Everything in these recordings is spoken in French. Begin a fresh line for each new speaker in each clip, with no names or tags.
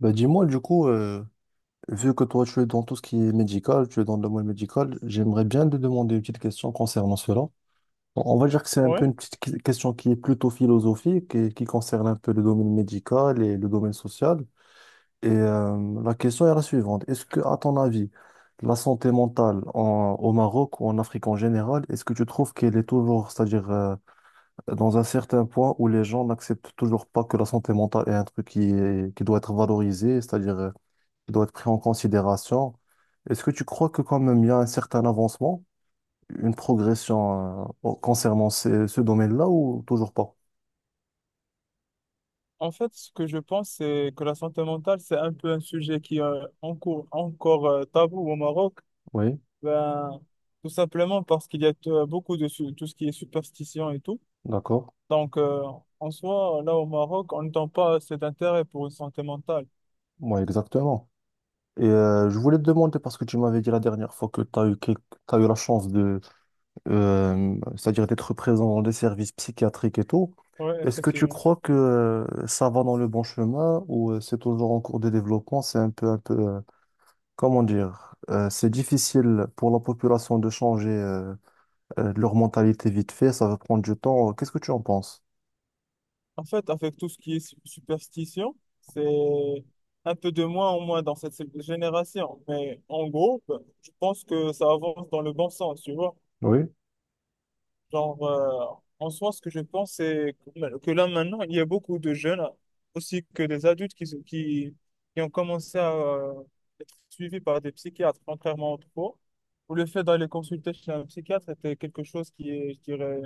Bah dis-moi, du coup, vu que toi tu es dans tout ce qui est médical, tu es dans le domaine médical, j'aimerais bien te demander une petite question concernant cela. Bon, on va dire que c'est un peu
Ouais,
une petite question qui est plutôt philosophique et qui concerne un peu le domaine médical et le domaine social. Et la question est la suivante. Est-ce que, à ton avis, la santé mentale au Maroc ou en Afrique en général, est-ce que tu trouves qu'elle est toujours, c'est-à-dire dans un certain point où les gens n'acceptent toujours pas que la santé mentale est un truc qui doit être valorisé, c'est-à-dire qui doit être pris en considération. Est-ce que tu crois que quand même il y a un certain avancement, une progression concernant ce domaine-là ou toujours pas?
en fait, ce que je pense, c'est que la santé mentale, c'est un peu un sujet qui est encore tabou au Maroc.
Oui,
Ben, tout simplement parce qu'il y a beaucoup de tout ce qui est superstition et tout.
d'accord.
Donc, euh, En soi, là au Maroc, on n'entend pas cet intérêt pour une santé mentale.
Moi, exactement. Et je voulais te demander, parce que tu m'avais dit la dernière fois que tu as eu, t'as eu la chance de, c'est-à-dire d'être présent dans des services psychiatriques et tout,
Oui,
est-ce que tu
effectivement.
crois que ça va dans le bon chemin ou c'est toujours en cours de développement, c'est un peu, comment dire, c'est difficile pour la population de changer leur mentalité vite fait, ça va prendre du temps. Qu'est-ce que tu en penses?
En fait, avec tout ce qui est superstition, c'est un peu de moins en moins dans cette génération. Mais en gros, ben, je pense que ça avance dans le bon sens, tu vois.
Oui,
Genre, euh, En soi, ce que je pense, c'est que là maintenant, il y a beaucoup de jeunes, aussi que des adultes, qui ont commencé à être suivis par des psychiatres, contrairement autrefois, où le fait d'aller consulter chez un psychiatre était quelque chose je dirais,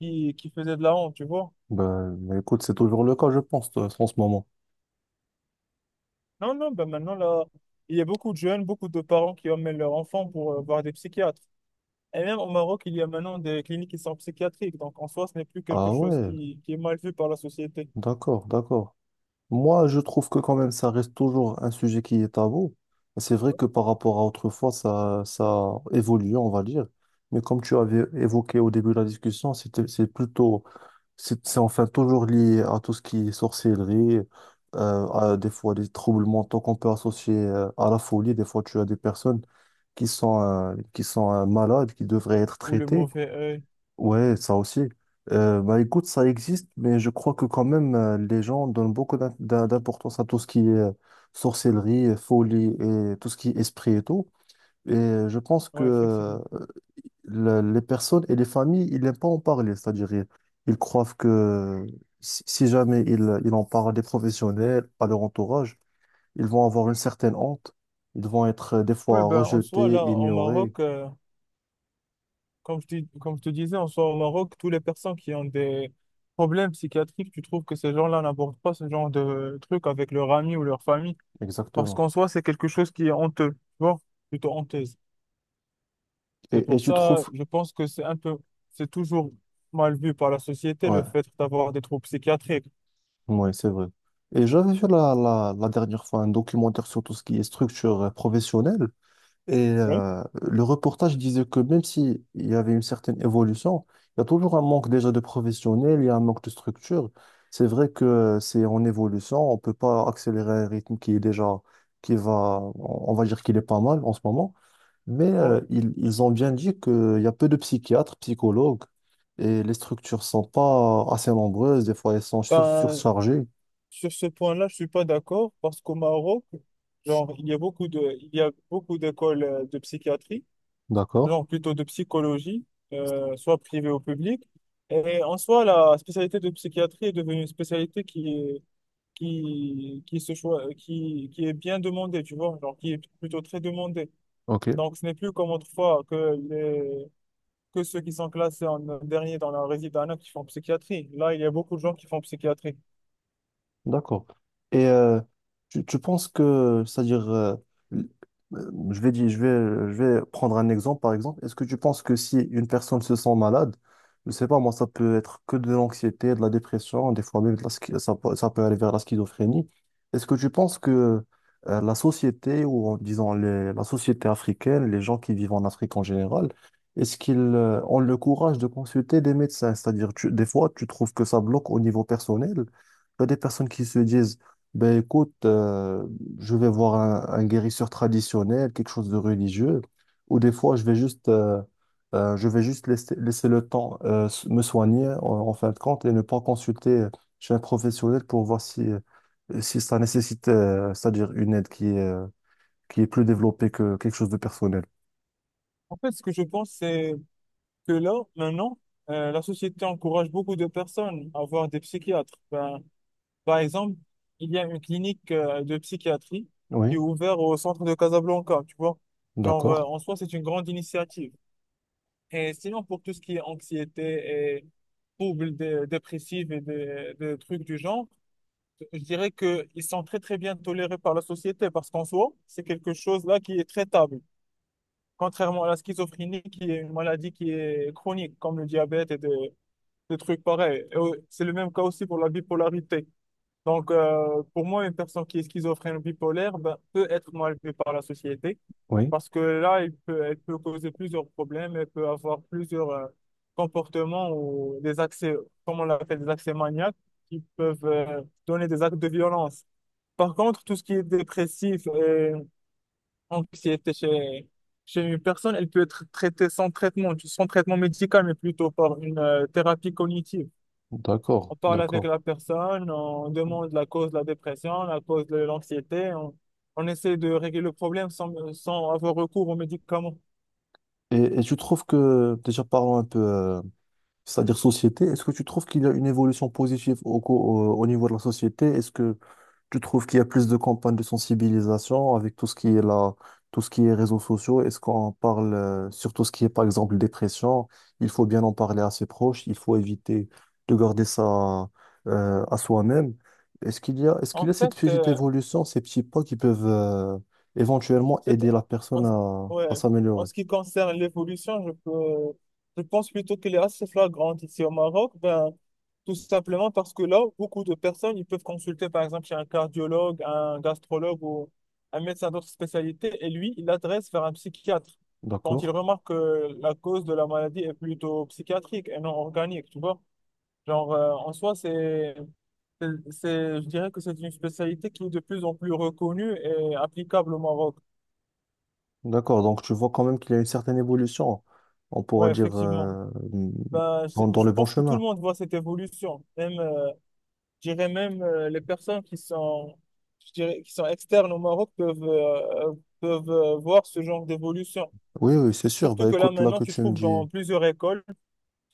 qui faisait de la honte, tu vois.
ben, écoute, c'est toujours le cas, je pense, en ce moment.
Non, non, ben maintenant, là, il y a beaucoup de jeunes, beaucoup de parents qui emmènent leurs enfants pour voir des psychiatres. Et même au Maroc, il y a maintenant des cliniques qui sont psychiatriques, donc en soi, ce n'est plus quelque
Ah
chose
ouais,
qui est mal vu par la société.
d'accord, d'accord. Moi, je trouve que quand même, ça reste toujours un sujet qui est tabou. C'est vrai que par rapport à autrefois, ça évolue, on va dire. Mais comme tu avais évoqué au début de la discussion, c'est plutôt c'est enfin toujours lié à tout ce qui est sorcellerie, à des fois des troubles mentaux qu'on peut associer à la folie. Des fois, tu as des personnes qui sont malades, qui devraient être
Ou le
traitées.
mauvais œil.
Ouais, ça aussi. Bah écoute, ça existe, mais je crois que quand même, les gens donnent beaucoup d'importance à tout ce qui est sorcellerie, folie et tout ce qui est esprit et tout. Et je pense
Ouais,
que
effectivement.
les personnes et les familles, ils n'aiment pas en parler. C'est-à-dire, ils croient que si jamais ils en parlent à des professionnels, à leur entourage, ils vont avoir une certaine honte. Ils vont être des
Ouais,
fois
ben, en soi,
rejetés,
là, au
ignorés.
Maroc, comme je dis, comme je te disais, en soi, au Maroc, toutes les personnes qui ont des problèmes psychiatriques, tu trouves que ces gens-là n'abordent pas ce genre de trucs avec leurs amis ou leur famille, parce
Exactement.
qu'en soi, c'est quelque chose qui est honteux, tu vois, plutôt honteuse. C'est
Et
pour
tu
ça,
trouves...
je pense que c'est un peu, c'est toujours mal vu par la société,
Ouais,
le fait d'avoir des troubles psychiatriques.
ouais, c'est vrai. Et j'avais vu la dernière fois un documentaire sur tout ce qui est structure professionnelle. Et
Oui.
le reportage disait que même s'il y avait une certaine évolution, il y a toujours un manque déjà de professionnels, il y a un manque de structure. C'est vrai que c'est en évolution, on ne peut pas accélérer un rythme qui est déjà, qui va, on va dire qu'il est pas mal en ce moment, mais
Ouais.
ils ont bien dit qu'il y a peu de psychiatres, psychologues, et les structures sont pas assez nombreuses, des fois elles sont
Ben,
surchargées.
sur ce point-là, je suis pas d'accord parce qu'au Maroc, genre, il y a il y a beaucoup d'écoles de psychiatrie,
D'accord,
genre plutôt de psychologie, soit privée ou publique. Et en soi, la spécialité de psychiatrie est devenue une spécialité qui se choi- qui est bien demandée, tu vois, genre, qui est plutôt très demandée.
ok.
Donc, ce n'est plus comme autrefois que ceux qui sont classés en dernier dans la résidence qui font psychiatrie. Là, il y a beaucoup de gens qui font psychiatrie.
D'accord. Et tu penses que, c'est-à-dire, l- je vais dire, je vais prendre un exemple, par exemple. Est-ce que tu penses que si une personne se sent malade, je sais pas, moi, ça peut être que de l'anxiété, de la dépression, des fois même de la ça, ça peut aller vers la schizophrénie. Est-ce que tu penses que la société, ou en disant la société africaine, les gens qui vivent en Afrique en général, est-ce qu'ils ont le courage de consulter des médecins? C'est-à-dire, des fois, tu trouves que ça bloque au niveau personnel. Il y a des personnes qui se disent, ben écoute, je vais voir un guérisseur traditionnel, quelque chose de religieux, ou des fois, je vais juste laisser, laisser le temps me soigner en, en fin de compte et ne pas consulter chez un professionnel pour voir si, si ça nécessite, c'est-à-dire une aide qui est plus développée que quelque chose de personnel.
En fait, ce que je pense, c'est que là, maintenant, la société encourage beaucoup de personnes à voir des psychiatres. Ben, par exemple, il y a une clinique de psychiatrie qui est
Oui,
ouverte au centre de Casablanca, tu vois.
d'accord,
En soi, c'est une grande initiative. Et sinon, pour tout ce qui est anxiété et troubles dépressifs et des trucs du genre, je dirais qu'ils sont très, très bien tolérés par la société parce qu'en soi, c'est quelque chose là qui est traitable. Contrairement à la schizophrénie, qui est une maladie qui est chronique, comme le diabète et, de des trucs pareils. Et, c'est le même cas aussi pour la bipolarité. Donc, pour moi, une personne qui est schizophrène ou bipolaire ben, peut être mal vue par la société
oui,
parce que là, elle peut causer plusieurs problèmes, elle peut avoir plusieurs comportements ou des accès, comme on l'appelle, des accès maniaques qui peuvent donner des actes de violence. Par contre, tout ce qui est dépressif et anxiété chez une personne, elle peut être traitée sans traitement, sans traitement médical, mais plutôt par une thérapie cognitive.
d'accord,
On parle avec
d'accord.
la personne, on demande la cause de la dépression, la cause de l'anxiété. On essaie de régler le problème sans avoir recours aux médicaments.
Et tu trouves que, déjà parlons un peu c'est-à-dire société, est-ce que tu trouves qu'il y a une évolution positive au niveau de la société? Est-ce que tu trouves qu'il y a plus de campagnes de sensibilisation avec tout ce qui est là, tout ce qui est réseaux sociaux? Est-ce qu'on parle sur tout ce qui est, par exemple, dépression? Il faut bien en parler à ses proches, il faut éviter de garder ça à soi-même. Est-ce qu'il y a, est-ce qu'il
En
y a
fait,
cette petite
euh,
évolution, ces petits pas qui peuvent éventuellement aider
Peut-être-
la
En,
personne
ce- ouais.
à
En
s'améliorer?
ce qui concerne l'évolution, je pense plutôt qu'elle est assez flagrante ici au Maroc, ben, tout simplement parce que là, beaucoup de personnes, ils peuvent consulter par exemple chez un cardiologue, un gastrologue ou un médecin d'autres spécialités, et lui, il l'adresse vers un psychiatre quand il
D'accord?
remarque que la cause de la maladie est plutôt psychiatrique et non organique, tu vois. En soi, je dirais que c'est une spécialité qui est de plus en plus reconnue et applicable au Maroc.
D'accord, donc tu vois quand même qu'il y a une certaine évolution, on
Oui,
pourra dire
effectivement. Ben,
dans, dans
je
le bon
pense que tout le
chemin.
monde voit cette évolution. Même, je dirais même les personnes je dirais, qui sont externes au Maroc peuvent voir ce genre d'évolution.
Oui, oui, c'est sûr.
Surtout
Bah
que là,
écoute, là
maintenant,
que
tu
tu me
trouves
dis,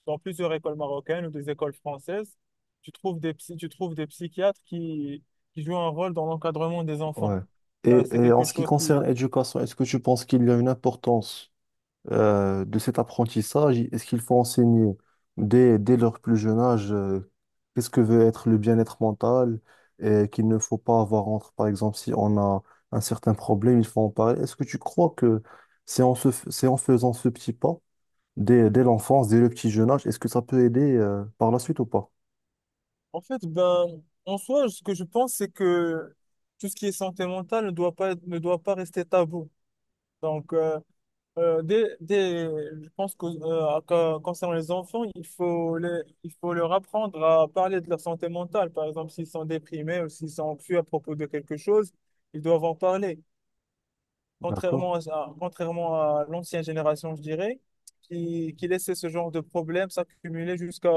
dans plusieurs écoles marocaines ou des écoles françaises, tu trouves des psychiatres qui jouent un rôle dans l'encadrement des enfants.
ouais.
Ben, c'est
Et en
quelque
ce qui
chose
concerne
qui,
l'éducation, est-ce que tu penses qu'il y a une importance de cet apprentissage? Est-ce qu'il faut enseigner dès, dès leur plus jeune âge qu'est-ce que veut être le bien-être mental et qu'il ne faut pas avoir entre, par exemple, si on a un certain problème, il faut en parler. Est-ce que tu crois que c'est en c'est en faisant ce petit pas dès, dès l'enfance, dès le petit jeune âge, est-ce que ça peut aider par la suite ou pas?
En fait, ben, en soi, ce que je pense, c'est que tout ce qui est santé mentale ne doit pas rester tabou. Donc, euh, je pense que concernant les enfants, il faut leur apprendre à parler de leur santé mentale. Par exemple, s'ils sont déprimés ou s'ils sont anxieux à propos de quelque chose, ils doivent en parler
D'accord?
contrairement à l'ancienne génération, je dirais, qui laissait ce genre de problème s'accumuler jusqu'à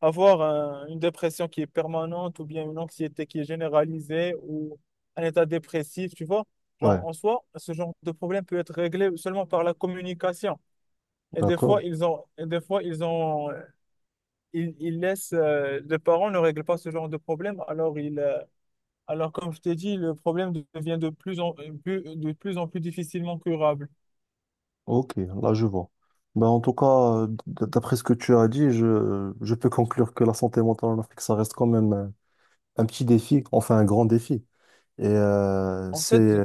avoir une dépression qui est permanente ou bien une anxiété qui est généralisée ou un état dépressif, tu vois.
Ouais,
Genre, en soi, ce genre de problème peut être réglé seulement par la communication.
d'accord.
Et des fois, ils laissent, les parents ne règlent pas ce genre de problème, alors, comme je t'ai dit, le problème devient de plus en plus difficilement curable.
Ok, là je vois. Ben, en tout cas, d'après ce que tu as dit, je peux conclure que la santé mentale en Afrique, ça reste quand même un petit défi, enfin un grand défi. Et
En fait, je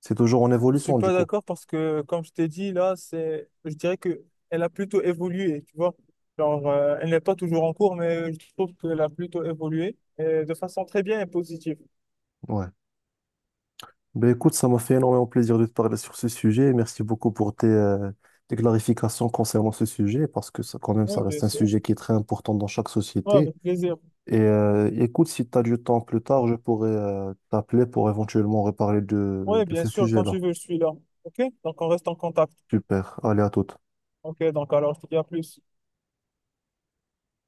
c'est toujours en
ne suis
évolution du
pas
coup.
d'accord parce que, comme je t'ai dit, là, je dirais que elle a plutôt évolué, tu vois. Genre, elle n'est pas toujours en cours, mais je trouve qu'elle a plutôt évolué et de façon très bien et positive.
Ouais. Ben écoute, ça m'a fait énormément plaisir de te parler sur ce sujet. Merci beaucoup pour tes, tes clarifications concernant ce sujet, parce que ça, quand même,
Oui,
ça
bien
reste un
sûr.
sujet qui est très important dans chaque
Oui,
société.
avec plaisir.
Et écoute, si tu as du temps plus tard, je pourrais t'appeler pour éventuellement reparler
Oui,
de
bien
ce
sûr, quand
sujet-là.
tu veux, je suis là. OK? Donc, on reste en contact.
Super. Allez, à toute.
OK, donc alors, je te dis à plus.